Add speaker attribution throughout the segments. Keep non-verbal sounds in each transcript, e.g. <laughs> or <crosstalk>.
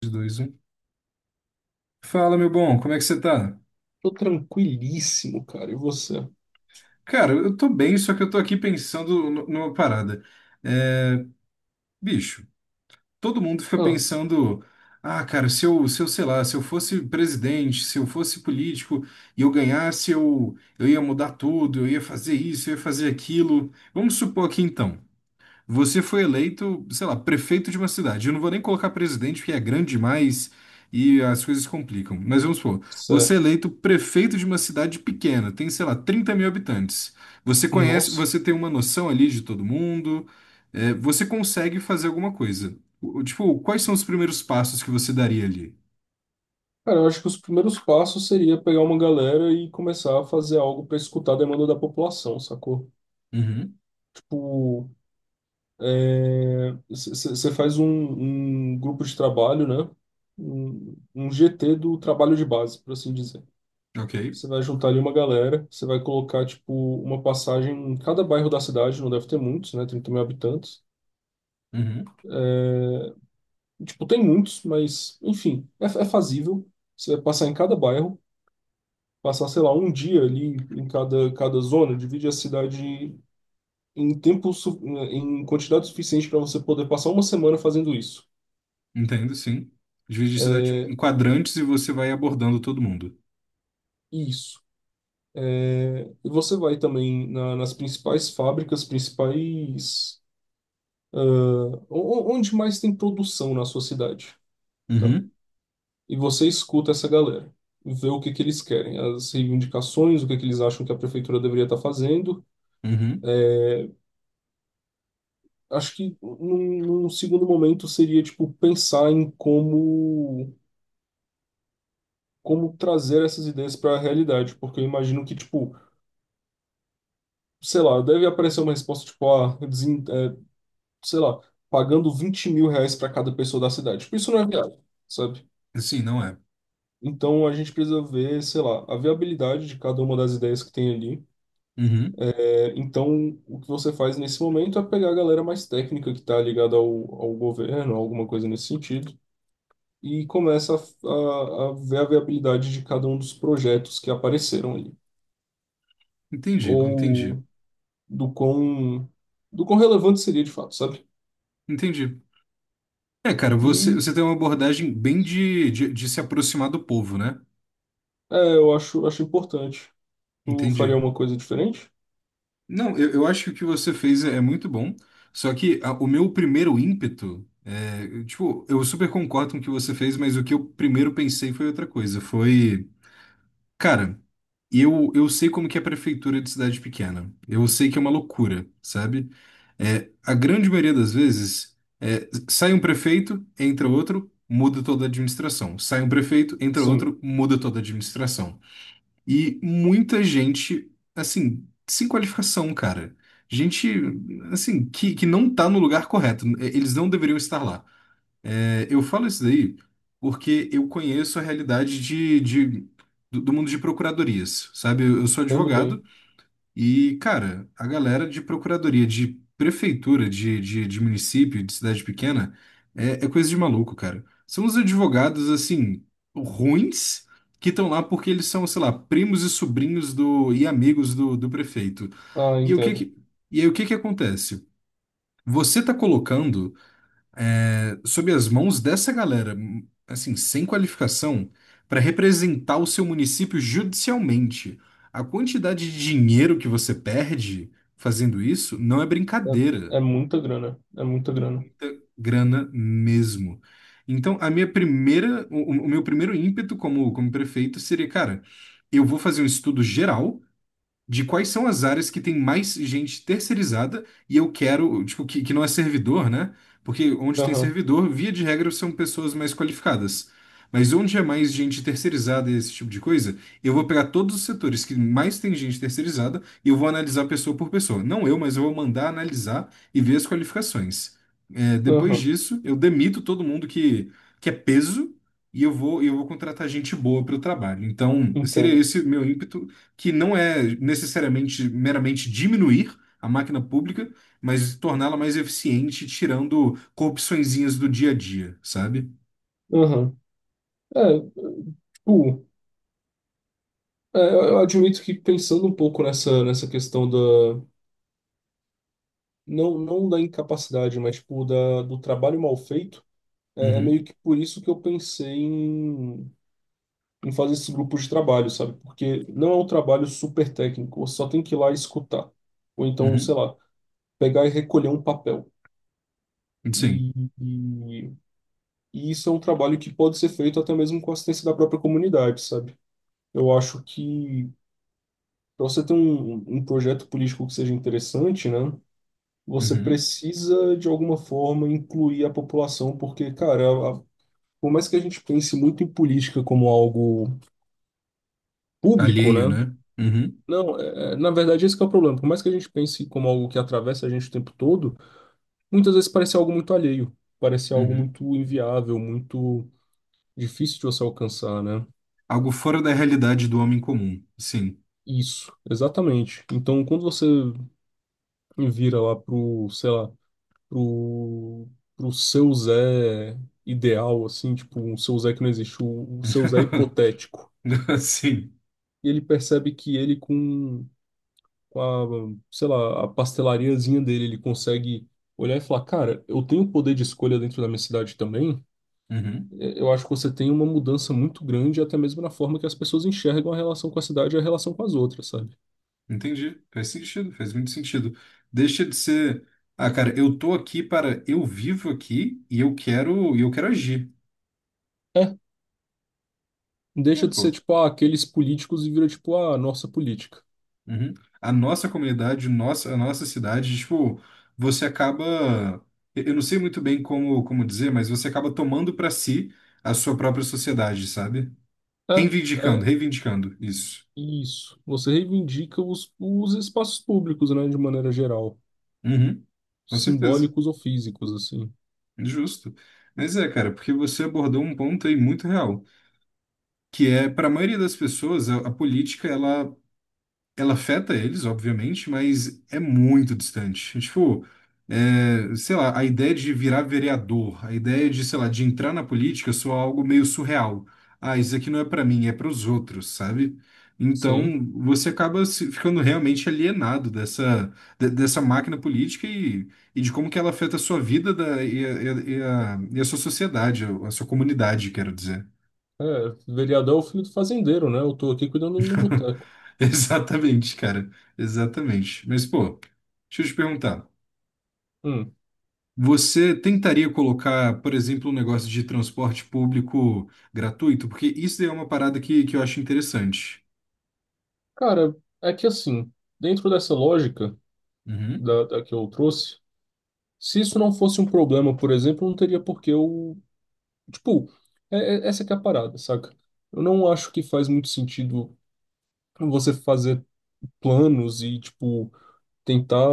Speaker 1: 3, 2, 1. Fala, meu bom, como é que você tá?
Speaker 2: Tô tranquilíssimo, cara. E você?
Speaker 1: Cara, eu tô bem, só que eu tô aqui pensando numa parada. É, bicho, todo mundo fica
Speaker 2: Ah,
Speaker 1: pensando, ah, cara, se eu, sei lá, se eu fosse presidente, se eu fosse político e eu ganhasse, eu ia mudar tudo, eu ia fazer isso, eu ia fazer aquilo. Vamos supor aqui então. Você foi eleito, sei lá, prefeito de uma cidade. Eu não vou nem colocar presidente, porque é grande demais e as coisas complicam. Mas vamos supor, você é
Speaker 2: certo.
Speaker 1: eleito prefeito de uma cidade pequena, tem, sei lá, 30.000 habitantes. Você conhece,
Speaker 2: Nossa.
Speaker 1: você tem uma noção ali de todo mundo, você consegue fazer alguma coisa. Tipo, quais são os primeiros passos que você daria ali?
Speaker 2: Cara, eu acho que os primeiros passos seria pegar uma galera e começar a fazer algo para escutar a demanda da população, sacou?
Speaker 1: Uhum,
Speaker 2: Tipo, você faz um grupo de trabalho, né? Um GT do trabalho de base, por assim dizer.
Speaker 1: ok.
Speaker 2: Você vai juntar ali uma galera, você vai colocar, tipo, uma passagem em cada bairro da cidade, não deve ter muitos, né? 30 mil habitantes.
Speaker 1: Uhum,
Speaker 2: Tipo, tem muitos, mas, enfim, é fazível. Você passar em cada bairro, passar, sei lá, um dia ali em cada, cada zona, divide a cidade em tempo, em quantidade suficiente para você poder passar uma semana fazendo isso.
Speaker 1: entendo, sim. Divide a cidade em
Speaker 2: É,
Speaker 1: quadrantes e você vai abordando todo mundo.
Speaker 2: isso. É, e você vai também nas principais fábricas, principais. Ah, onde mais tem produção na sua cidade, tá?
Speaker 1: Uhum,
Speaker 2: E você escuta essa galera, vê o que que eles querem, as reivindicações, o que que eles acham que a prefeitura deveria estar fazendo.
Speaker 1: uhum.
Speaker 2: Acho que num segundo momento seria tipo pensar em como como trazer essas ideias para a realidade, porque eu imagino que tipo, sei lá, deve aparecer uma resposta tipo, ah, sei lá, pagando 20 mil reais para cada pessoa da cidade. Tipo, isso não é viável, sabe?
Speaker 1: Assim, não é.
Speaker 2: Então a gente precisa ver, sei lá, a viabilidade de cada uma das ideias que tem ali.
Speaker 1: Uhum.
Speaker 2: Então, o que você faz nesse momento é pegar a galera mais técnica que está ligada ao governo, alguma coisa nesse sentido, e começa a ver a viabilidade de cada um dos projetos que apareceram ali,
Speaker 1: Entendi, entendi,
Speaker 2: ou do quão, do quão relevante seria de fato, sabe?
Speaker 1: Entendi. É, cara,
Speaker 2: E
Speaker 1: você tem uma abordagem bem de se aproximar do povo, né?
Speaker 2: é, acho importante. Tu faria
Speaker 1: Entendi.
Speaker 2: uma coisa diferente?
Speaker 1: Não, eu acho que o que você fez é muito bom, só que o meu primeiro ímpeto, tipo, eu super concordo com o que você fez, mas o que eu primeiro pensei foi outra coisa, foi, cara, eu sei como que é a prefeitura de cidade pequena, eu sei que é uma loucura, sabe? É, a grande maioria das vezes, é, sai um prefeito, entra outro, muda toda a administração. Sai um prefeito, entra
Speaker 2: Sim,
Speaker 1: outro, muda toda a administração. E muita gente, assim, sem qualificação, cara. Gente, assim, que não tá no lugar correto. É, eles não deveriam estar lá. É, eu falo isso daí porque eu conheço a realidade do, do mundo de procuradorias, sabe? Eu sou
Speaker 2: entendo
Speaker 1: advogado
Speaker 2: bem.
Speaker 1: e, cara, a galera de procuradoria, de prefeitura, de município, de cidade pequena, é coisa de maluco, cara. São os advogados, assim, ruins, que estão lá porque eles são, sei lá, primos e sobrinhos do, e amigos do, do prefeito.
Speaker 2: Ah,
Speaker 1: E o que
Speaker 2: entendo.
Speaker 1: que, e aí, o que que acontece? Você tá colocando sob as mãos dessa galera, assim, sem qualificação, para representar o seu município judicialmente. A quantidade de dinheiro que você perde fazendo isso não é
Speaker 2: É,
Speaker 1: brincadeira.
Speaker 2: é muita grana, é muita
Speaker 1: É
Speaker 2: grana.
Speaker 1: muita grana mesmo. Então, a minha primeira, o meu primeiro ímpeto como prefeito seria, cara, eu vou fazer um estudo geral de quais são as áreas que tem mais gente terceirizada e eu quero, tipo, que não é servidor, né? Porque onde tem
Speaker 2: Aham,
Speaker 1: servidor, via de regra, são pessoas mais qualificadas. Mas onde é mais gente terceirizada e esse tipo de coisa, eu vou pegar todos os setores que mais tem gente terceirizada e eu vou analisar pessoa por pessoa. Não eu, mas eu vou mandar analisar e ver as qualificações. É, depois
Speaker 2: aham,
Speaker 1: disso, eu demito todo mundo que é peso e eu vou contratar gente boa para o trabalho. Então, seria
Speaker 2: entendo.
Speaker 1: esse o meu ímpeto que não é necessariamente meramente diminuir a máquina pública, mas torná-la mais eficiente, tirando corrupçõezinhas do dia a dia, sabe?
Speaker 2: Aham. É, tipo, é, eu admito que pensando um pouco nessa, nessa questão da, não, não da incapacidade, mas tipo, da, do trabalho mal feito, é é
Speaker 1: Uhum,
Speaker 2: meio que por isso que eu pensei em, em fazer esse grupo de trabalho, sabe? Porque não é um trabalho super técnico, você só tem que ir lá e escutar. Ou então, sei
Speaker 1: uhum,
Speaker 2: lá, pegar e recolher um papel.
Speaker 1: sim,
Speaker 2: E, e, e isso é um trabalho que pode ser feito até mesmo com a assistência da própria comunidade, sabe? Eu acho que para você ter um projeto político que seja interessante, né? Você
Speaker 1: uhum.
Speaker 2: precisa, de alguma forma, incluir a população, porque, cara, por mais que a gente pense muito em política como algo público,
Speaker 1: Alheio,
Speaker 2: né?
Speaker 1: né? Uhum,
Speaker 2: Não, é, na verdade, esse que é o problema. Por mais que a gente pense como algo que atravessa a gente o tempo todo, muitas vezes parece algo muito alheio, parece algo
Speaker 1: uhum.
Speaker 2: muito inviável, muito difícil de você alcançar, né?
Speaker 1: Algo fora da realidade do homem comum, sim.
Speaker 2: Isso, exatamente. Então, quando você vira lá pro, sei lá, pro, pro seu Zé ideal, assim, tipo, um seu Zé que não existe, o seu Zé hipotético,
Speaker 1: <laughs> Sim.
Speaker 2: e ele percebe que ele com a, sei lá, a pastelariazinha dele, ele consegue olhar e falar, cara, eu tenho poder de escolha dentro da minha cidade também.
Speaker 1: Uhum.
Speaker 2: É, eu acho que você tem uma mudança muito grande, até mesmo na forma que as pessoas enxergam a relação com a cidade e a relação com as outras, sabe?
Speaker 1: Entendi. Faz sentido, faz muito sentido. Deixa de ser. Ah, cara, eu tô aqui para. Eu vivo aqui e e eu quero agir.
Speaker 2: É,
Speaker 1: É,
Speaker 2: deixa de ser
Speaker 1: pô.
Speaker 2: tipo, ah, aqueles políticos e vira tipo, ah, nossa política.
Speaker 1: Uhum. A nossa comunidade, nossa, a nossa cidade, tipo, você acaba, eu não sei muito bem como dizer, mas você acaba tomando para si a sua própria sociedade, sabe?
Speaker 2: É, é
Speaker 1: Reivindicando isso.
Speaker 2: isso. Você reivindica os espaços públicos, né, de maneira geral,
Speaker 1: Uhum. Com certeza,
Speaker 2: simbólicos ou físicos, assim.
Speaker 1: justo. Mas é, cara, porque você abordou um ponto aí muito real, que é, para a maioria das pessoas, a política, ela afeta eles, obviamente, mas é muito distante. É tipo, é, sei lá, a ideia de virar vereador, a ideia de, sei lá, de entrar na política soa algo meio surreal. Ah, isso aqui não é pra mim, é para os outros, sabe?
Speaker 2: Sim.
Speaker 1: Então, você acaba ficando realmente alienado dessa, dessa máquina política e de como que ela afeta a sua vida e a sua sociedade, a sua comunidade, quero dizer.
Speaker 2: É, vereador é o filho do fazendeiro, né? Eu tô aqui cuidando do meu
Speaker 1: <laughs>
Speaker 2: boteco.
Speaker 1: Exatamente, cara. Exatamente. Mas, pô, deixa eu te perguntar.
Speaker 2: Hum.
Speaker 1: Você tentaria colocar, por exemplo, um negócio de transporte público gratuito? Porque isso daí é uma parada que eu acho interessante.
Speaker 2: Cara, é que assim, dentro dessa lógica
Speaker 1: Uhum,
Speaker 2: da que eu trouxe, se isso não fosse um problema, por exemplo, não teria por que eu. Tipo, essa que é a parada, saca? Eu não acho que faz muito sentido você fazer planos e, tipo, tentar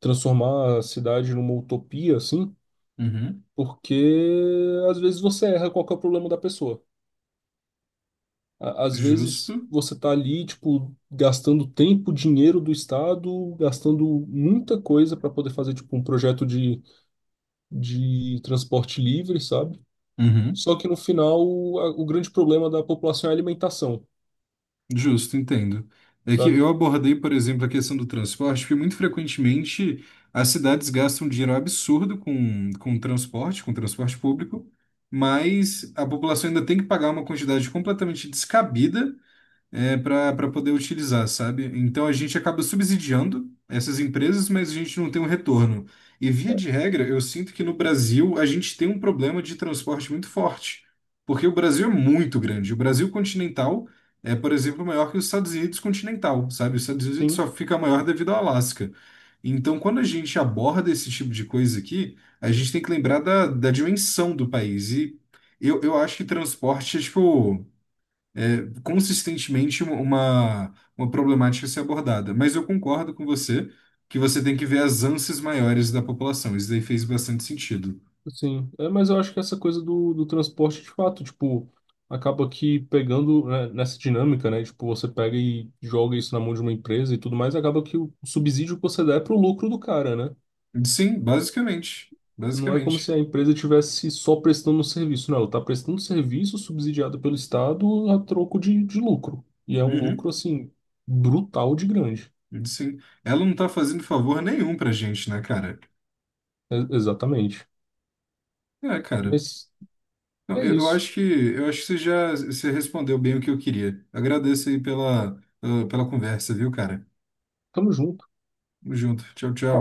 Speaker 2: transformar a cidade numa utopia, assim,
Speaker 1: uhum.
Speaker 2: porque às vezes você erra qual que é o problema da pessoa. Às vezes
Speaker 1: Justo.
Speaker 2: você está ali, tipo, gastando tempo, dinheiro do Estado, gastando muita coisa para poder fazer, tipo, um projeto de transporte livre, sabe?
Speaker 1: Uhum.
Speaker 2: Só que no final, o grande problema da população é a alimentação,
Speaker 1: Justo, entendo. É que eu
Speaker 2: sabe?
Speaker 1: abordei, por exemplo, a questão do transporte, porque muito frequentemente as cidades gastam um dinheiro absurdo com transporte público, mas a população ainda tem que pagar uma quantidade completamente descabida é, para poder utilizar, sabe? Então a gente acaba subsidiando essas empresas, mas a gente não tem um retorno. E via
Speaker 2: É.
Speaker 1: de regra, eu sinto que no Brasil a gente tem um problema de transporte muito forte, porque o Brasil é muito grande. O Brasil continental é, por exemplo, maior que os Estados Unidos continental, sabe? Os Estados Unidos
Speaker 2: Sim,
Speaker 1: só fica maior devido ao Alasca. Então, quando a gente aborda esse tipo de coisa aqui, a gente tem que lembrar da dimensão do país. E eu acho que transporte é tipo consistentemente uma problemática a ser abordada. Mas eu concordo com você que você tem que ver as ânsias maiores da população. Isso daí fez bastante sentido.
Speaker 2: sim. É, mas eu acho que essa coisa do, do transporte, de fato, tipo, acaba que pegando, né, nessa dinâmica, né? Tipo, você pega e joga isso na mão de uma empresa e tudo mais, acaba que o subsídio que você dá é pro lucro do cara, né?
Speaker 1: Sim, basicamente.
Speaker 2: Não é como se
Speaker 1: Basicamente.
Speaker 2: a empresa tivesse só prestando um serviço, não. Ela está prestando um serviço subsidiado pelo Estado a troco de lucro. E é um
Speaker 1: Uhum,
Speaker 2: lucro, assim, brutal de grande.
Speaker 1: sim. Ela não tá fazendo favor nenhum pra gente, né, cara?
Speaker 2: É- exatamente.
Speaker 1: É, cara.
Speaker 2: Mas
Speaker 1: Não,
Speaker 2: é
Speaker 1: eu,
Speaker 2: isso.
Speaker 1: eu acho que você respondeu bem o que eu queria. Agradeço aí pela, pela conversa, viu, cara?
Speaker 2: Tamo junto.
Speaker 1: Tamo junto. Tchau, tchau.
Speaker 2: Falou.